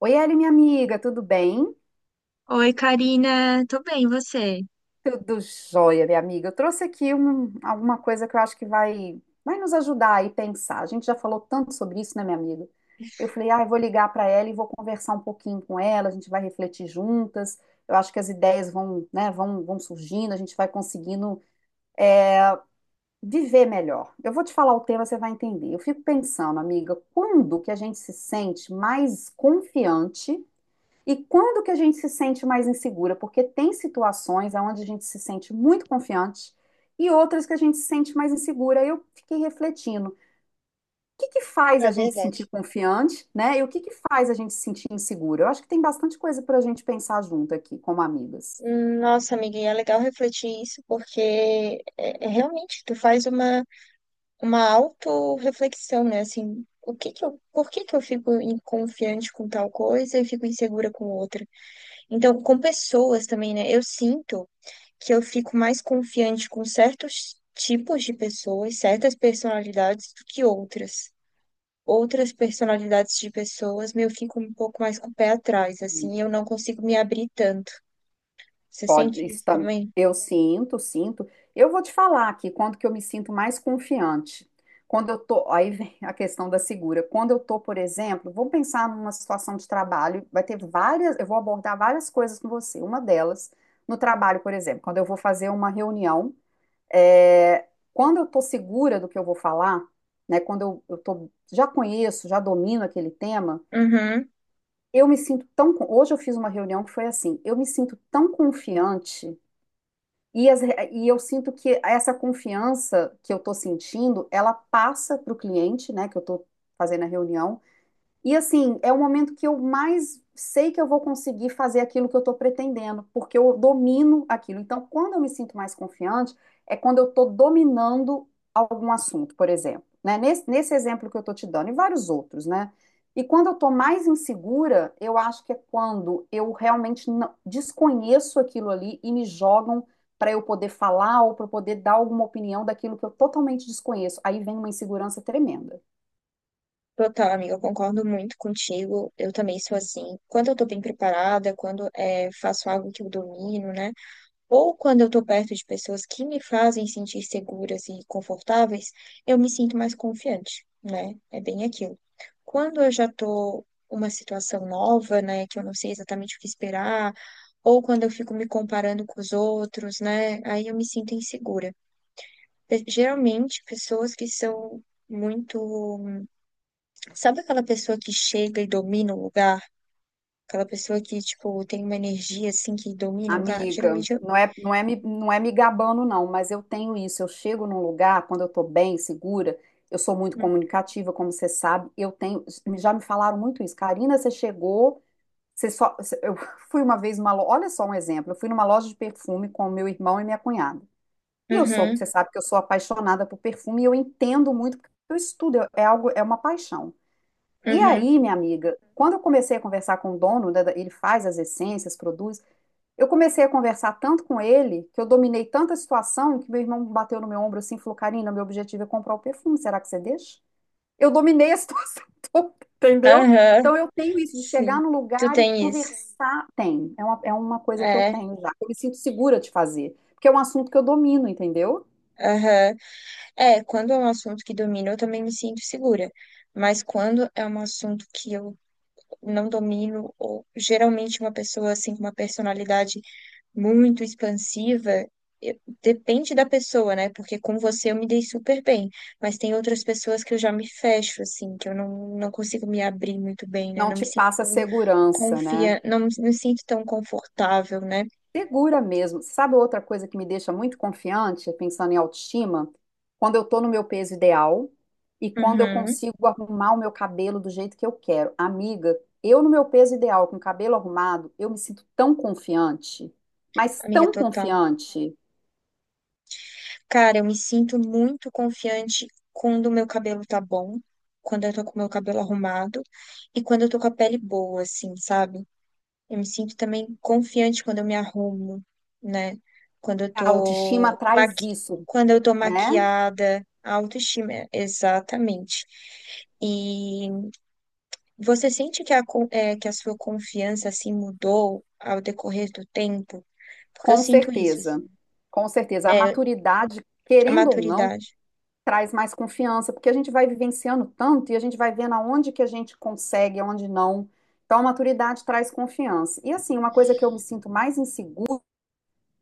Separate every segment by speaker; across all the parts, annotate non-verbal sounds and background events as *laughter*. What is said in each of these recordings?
Speaker 1: Oi, Eli, minha amiga, tudo bem?
Speaker 2: Oi, Karina, tô bem, e você?
Speaker 1: Tudo jóia, minha amiga. Eu trouxe aqui alguma coisa que eu acho que vai nos ajudar aí a pensar. A gente já falou tanto sobre isso, né, minha amiga? Eu falei, ah, eu vou ligar para ela e vou conversar um pouquinho com ela, a gente vai refletir juntas. Eu acho que as ideias vão, né, vão surgindo, a gente vai conseguindo viver melhor. Eu vou te falar o tema, você vai entender. Eu fico pensando, amiga, quando que a gente se sente mais confiante? E quando que a gente se sente mais insegura? Porque tem situações onde a gente se sente muito confiante e outras que a gente se sente mais insegura. Eu fiquei refletindo, o que que faz
Speaker 2: É
Speaker 1: a gente se sentir
Speaker 2: verdade.
Speaker 1: confiante, né? E o que que faz a gente se sentir insegura? Eu acho que tem bastante coisa para a gente pensar junto aqui, como amigas.
Speaker 2: Nossa, amiga, e é legal refletir isso, porque é realmente tu faz uma autorreflexão, né? Assim, o que que eu, por que que eu fico confiante com tal coisa e fico insegura com outra? Então, com pessoas também, né? Eu sinto que eu fico mais confiante com certos tipos de pessoas, certas personalidades do que outras. Outras personalidades de pessoas, meu, eu fico um pouco mais com o pé atrás, assim, eu não consigo me abrir tanto. Você
Speaker 1: Pode,
Speaker 2: sente
Speaker 1: isso
Speaker 2: isso
Speaker 1: tam-
Speaker 2: também?
Speaker 1: eu sinto. Eu vou te falar aqui quando que eu me sinto mais confiante. Quando eu tô, aí vem a questão da segura. Quando eu tô, por exemplo, vou pensar numa situação de trabalho, vai ter várias, eu vou abordar várias coisas com você. Uma delas, no trabalho, por exemplo, quando eu vou fazer uma reunião, é, quando eu tô segura do que eu vou falar, né, quando eu tô, já conheço, já domino aquele tema,
Speaker 2: Uhum.
Speaker 1: eu me sinto hoje eu fiz uma reunião que foi assim, eu me sinto tão confiante e eu sinto que essa confiança que eu estou sentindo, ela passa para o cliente, né, que eu estou fazendo a reunião, e assim, é o momento que eu mais sei que eu vou conseguir fazer aquilo que eu estou pretendendo, porque eu domino aquilo. Então, quando eu me sinto mais confiante, é quando eu estou dominando algum assunto, por exemplo, né? Nesse exemplo que eu estou te dando, e vários outros, né? E quando eu estou mais insegura, eu acho que é quando eu realmente desconheço aquilo ali e me jogam para eu poder falar ou para eu poder dar alguma opinião daquilo que eu totalmente desconheço. Aí vem uma insegurança tremenda.
Speaker 2: Total, amiga, eu concordo muito contigo. Eu também sou assim. Quando eu tô bem preparada, quando é, faço algo que eu domino, né? Ou quando eu estou perto de pessoas que me fazem sentir seguras e confortáveis, eu me sinto mais confiante, né? É bem aquilo. Quando eu já estou uma situação nova, né, que eu não sei exatamente o que esperar, ou quando eu fico me comparando com os outros, né, aí eu me sinto insegura. Geralmente, pessoas que são muito. Sabe aquela pessoa que chega e domina o lugar? Aquela pessoa que, tipo, tem uma energia assim que domina o lugar?
Speaker 1: Amiga,
Speaker 2: Geralmente eu.
Speaker 1: não é me gabando, não, mas eu tenho isso. Eu chego num lugar, quando eu tô bem, segura, eu sou muito
Speaker 2: Hum.
Speaker 1: comunicativa, como você sabe. Eu tenho. Já me falaram muito isso. Karina, você chegou, Eu *laughs* fui uma vez numa loja. Olha só um exemplo. Eu fui numa loja de perfume com o meu irmão e minha cunhada. E eu sou, você
Speaker 2: Uhum,
Speaker 1: sabe que eu sou apaixonada por perfume e eu entendo muito, porque eu estudo, é algo, é uma paixão. E
Speaker 2: uhum.
Speaker 1: aí, minha amiga, quando eu comecei a conversar com o dono, né, ele faz as essências, produz. Eu comecei a conversar tanto com ele, que eu dominei tanta situação, que meu irmão bateu no meu ombro assim e falou: Karina, meu objetivo é comprar o perfume, será que você deixa? Eu dominei a situação *laughs* toda, entendeu?
Speaker 2: Aham,
Speaker 1: Então eu tenho isso de chegar
Speaker 2: sim.
Speaker 1: no
Speaker 2: Tu
Speaker 1: lugar e
Speaker 2: tem isso.
Speaker 1: conversar. Tem, é uma coisa que eu
Speaker 2: É,
Speaker 1: tenho já. Eu me sinto segura de fazer, porque é um assunto que eu domino, entendeu?
Speaker 2: aham. É, quando é um assunto que domino, eu também me sinto segura. Mas quando é um assunto que eu não domino, ou geralmente uma pessoa assim com uma personalidade muito expansiva, eu- depende da pessoa, né? Porque com você eu me dei super bem, mas tem outras pessoas que eu já me fecho, assim, que eu não consigo me abrir muito bem, né?
Speaker 1: Não
Speaker 2: Não
Speaker 1: te
Speaker 2: me sinto
Speaker 1: passa
Speaker 2: tão
Speaker 1: segurança, né?
Speaker 2: não me sinto tão confortável, né?
Speaker 1: Segura mesmo. Sabe outra coisa que me deixa muito confiante, pensando em autoestima? Quando eu tô no meu peso ideal e quando eu
Speaker 2: Uhum.
Speaker 1: consigo arrumar o meu cabelo do jeito que eu quero. Amiga, eu no meu peso ideal, com o cabelo arrumado, eu me sinto tão confiante, mas
Speaker 2: Amiga,
Speaker 1: tão
Speaker 2: total.
Speaker 1: confiante.
Speaker 2: Cara, eu me sinto muito confiante quando o meu cabelo tá bom, quando eu tô com o meu cabelo arrumado e quando eu tô com a pele boa, assim, sabe? Eu me sinto também confiante quando eu me arrumo, né? Quando eu
Speaker 1: A autoestima
Speaker 2: tô
Speaker 1: traz
Speaker 2: maqui...
Speaker 1: isso,
Speaker 2: Quando eu tô
Speaker 1: né?
Speaker 2: maquiada, a autoestima, exatamente. E você sente que é, que a sua confiança, assim, mudou ao decorrer do tempo? Porque eu
Speaker 1: Com
Speaker 2: sinto isso,
Speaker 1: certeza.
Speaker 2: assim.
Speaker 1: Com certeza. A
Speaker 2: É,
Speaker 1: maturidade,
Speaker 2: a
Speaker 1: querendo ou não,
Speaker 2: maturidade.
Speaker 1: traz mais confiança, porque a gente vai vivenciando tanto e a gente vai vendo aonde que a gente consegue, aonde não. Então, a maturidade traz confiança. E assim, uma coisa que eu me sinto mais insegura,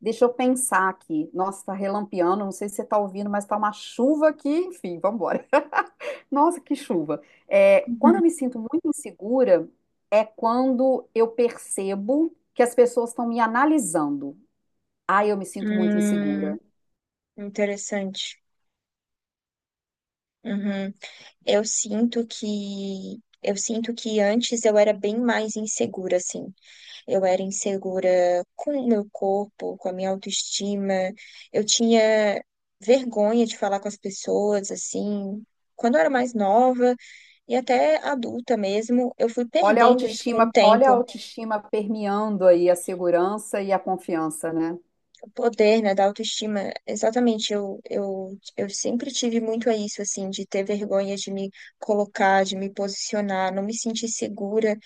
Speaker 1: deixa eu pensar aqui. Nossa, tá relampeando, não sei se você tá ouvindo, mas tá uma chuva aqui, enfim, vamos embora. *laughs* Nossa, que chuva. É, quando eu me sinto muito insegura, é quando eu percebo que as pessoas estão me analisando. Aí eu me sinto muito insegura.
Speaker 2: Hum, interessante. Uhum. Eu sinto que antes eu era bem mais insegura, assim. Eu era insegura com o meu corpo, com a minha autoestima. Eu tinha vergonha de falar com as pessoas, assim. Quando eu era mais nova e até adulta mesmo, eu fui perdendo isso com o
Speaker 1: Olha a
Speaker 2: tempo.
Speaker 1: autoestima permeando aí a segurança e a confiança, né?
Speaker 2: O poder, né, da autoestima, exatamente, eu sempre tive muito a isso, assim, de ter vergonha de me colocar, de me posicionar, não me sentir segura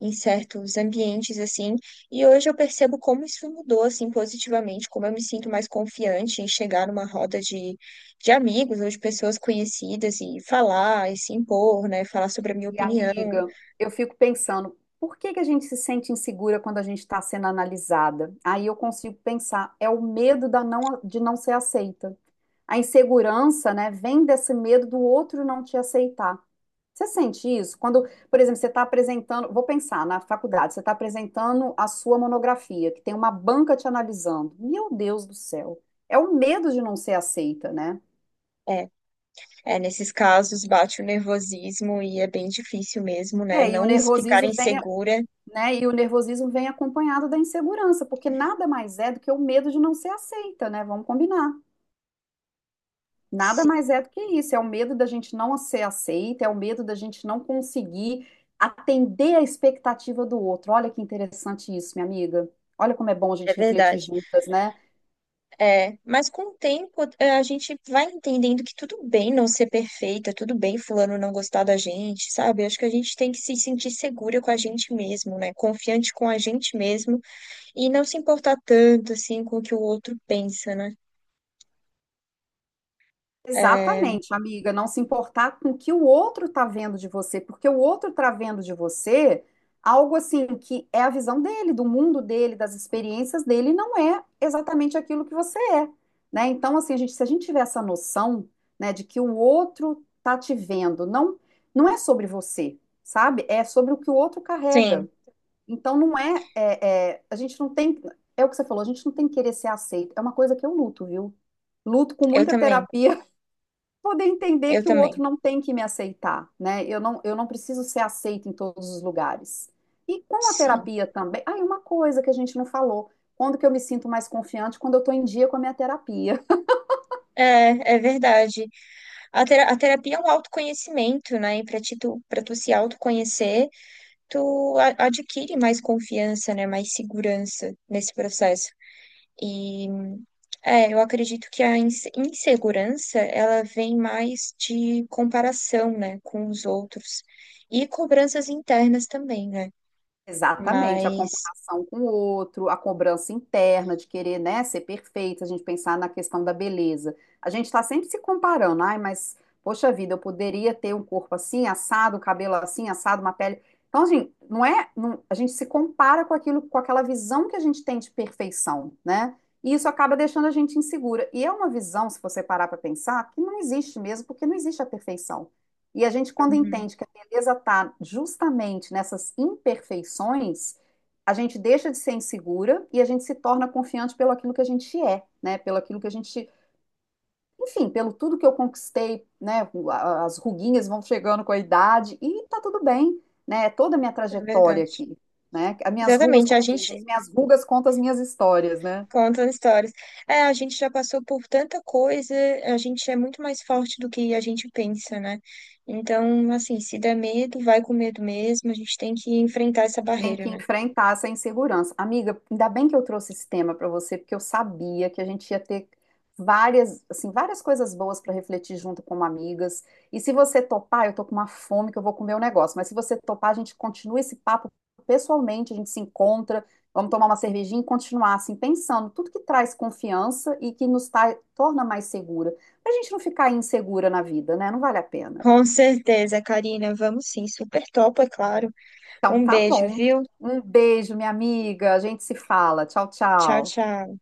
Speaker 2: em certos ambientes, assim, e hoje eu percebo como isso mudou, assim, positivamente, como eu me sinto mais confiante em chegar numa roda de amigos ou de pessoas conhecidas e falar, e se impor, né, falar sobre a minha
Speaker 1: E
Speaker 2: opinião,
Speaker 1: amiga, eu fico pensando, por que que a gente se sente insegura quando a gente está sendo analisada? Aí eu consigo pensar, é o medo da não, de não ser aceita. A insegurança, né, vem desse medo do outro não te aceitar. Você sente isso? Quando, por exemplo, você está apresentando, vou pensar na faculdade, você está apresentando a sua monografia, que tem uma banca te analisando. Meu Deus do céu, é o medo de não ser aceita, né?
Speaker 2: é, é, nesses casos bate o nervosismo e é bem difícil mesmo, né,
Speaker 1: É, e o
Speaker 2: não me ficar
Speaker 1: nervosismo vem,
Speaker 2: insegura.
Speaker 1: né? E o nervosismo vem acompanhado da insegurança, porque nada mais é do que o medo de não ser aceita, né? Vamos combinar. Nada
Speaker 2: Sim,
Speaker 1: mais é do que isso, é o medo da gente não ser aceita, é o medo da gente não conseguir atender a expectativa do outro. Olha que interessante isso, minha amiga. Olha como é bom a
Speaker 2: é
Speaker 1: gente refletir
Speaker 2: verdade.
Speaker 1: juntas, né?
Speaker 2: É, mas com o tempo é, a gente vai entendendo que tudo bem não ser perfeita, tudo bem fulano não gostar da gente, sabe? Acho que a gente tem que se sentir segura com a gente mesmo, né? Confiante com a gente mesmo e não se importar tanto assim com o que o outro pensa, né? É,
Speaker 1: Exatamente, amiga, não se importar com o que o outro tá vendo de você, porque o outro tá vendo de você algo assim que é a visão dele, do mundo dele, das experiências dele, e não é exatamente aquilo que você é, né? Então, assim, a gente, se a gente tiver essa noção, né, de que o outro tá te vendo, não, não é sobre você, sabe? É sobre o que o outro carrega.
Speaker 2: sim,
Speaker 1: Então, não é, é, é- a gente não tem, é o que você falou, a gente não tem que querer ser aceito. É uma coisa que eu luto, viu? Luto com
Speaker 2: eu
Speaker 1: muita
Speaker 2: também,
Speaker 1: terapia poder entender
Speaker 2: eu
Speaker 1: que o
Speaker 2: também,
Speaker 1: outro não tem que me aceitar, né? Eu não preciso ser aceita em todos os lugares. E com a
Speaker 2: sim.
Speaker 1: terapia também. Ah, e uma coisa que a gente não falou. Quando que eu me sinto mais confiante? Quando eu estou em dia com a minha terapia.
Speaker 2: É, é verdade. A, a terapia é um autoconhecimento, né? E para ti, tu, para tu se autoconhecer tu adquire mais confiança, né? Mais segurança nesse processo. E é, eu acredito que a insegurança, ela vem mais de comparação, né, com os outros e cobranças internas também, né?
Speaker 1: Exatamente, a
Speaker 2: Mas,
Speaker 1: comparação com o outro, a cobrança interna de querer, né, ser perfeita, a gente pensar na questão da beleza. A gente está sempre se comparando, ai, mas poxa vida, eu poderia ter um corpo assim, assado, um cabelo assim, assado, uma pele. Então, assim, a gente se compara com aquilo, com aquela visão que a gente tem de perfeição, né? E isso acaba deixando a gente insegura. E é uma visão, se você parar para pensar, que não existe mesmo, porque não existe a perfeição. E a gente, quando
Speaker 2: uhum,
Speaker 1: entende que empresa está justamente nessas imperfeições, a gente deixa de ser insegura e a gente se torna confiante pelo aquilo que a gente é, né? Pelo aquilo que a gente, enfim, pelo tudo que eu conquistei, né? As ruguinhas vão chegando com a idade e tá tudo bem, né? É toda a minha
Speaker 2: é
Speaker 1: trajetória
Speaker 2: verdade.
Speaker 1: aqui, né? As minhas rugas,
Speaker 2: Exatamente, a
Speaker 1: como diz,
Speaker 2: gente
Speaker 1: as minhas rugas contam as minhas histórias, né?
Speaker 2: contam histórias. É, a gente já passou por tanta coisa, a gente é muito mais forte do que a gente pensa, né? Então, assim, se der medo, vai com medo mesmo, a gente tem que enfrentar essa
Speaker 1: Tem
Speaker 2: barreira,
Speaker 1: que
Speaker 2: né?
Speaker 1: enfrentar essa insegurança. Amiga, ainda bem que eu trouxe esse tema para você, porque eu sabia que a gente ia ter várias, assim, várias coisas boas para refletir junto como amigas. E se você topar, eu tô com uma fome que eu vou comer o negócio, mas se você topar, a gente continua esse papo pessoalmente, a gente se encontra, vamos tomar uma cervejinha e continuar assim pensando tudo que traz confiança e que nos torna mais segura, pra gente não ficar insegura na vida, né? Não vale a pena.
Speaker 2: Com certeza, Karina, vamos sim, super top, é claro.
Speaker 1: Então
Speaker 2: Um
Speaker 1: tá
Speaker 2: beijo,
Speaker 1: bom.
Speaker 2: viu?
Speaker 1: Um beijo, minha amiga. A gente se fala. Tchau,
Speaker 2: Tchau,
Speaker 1: tchau.
Speaker 2: tchau.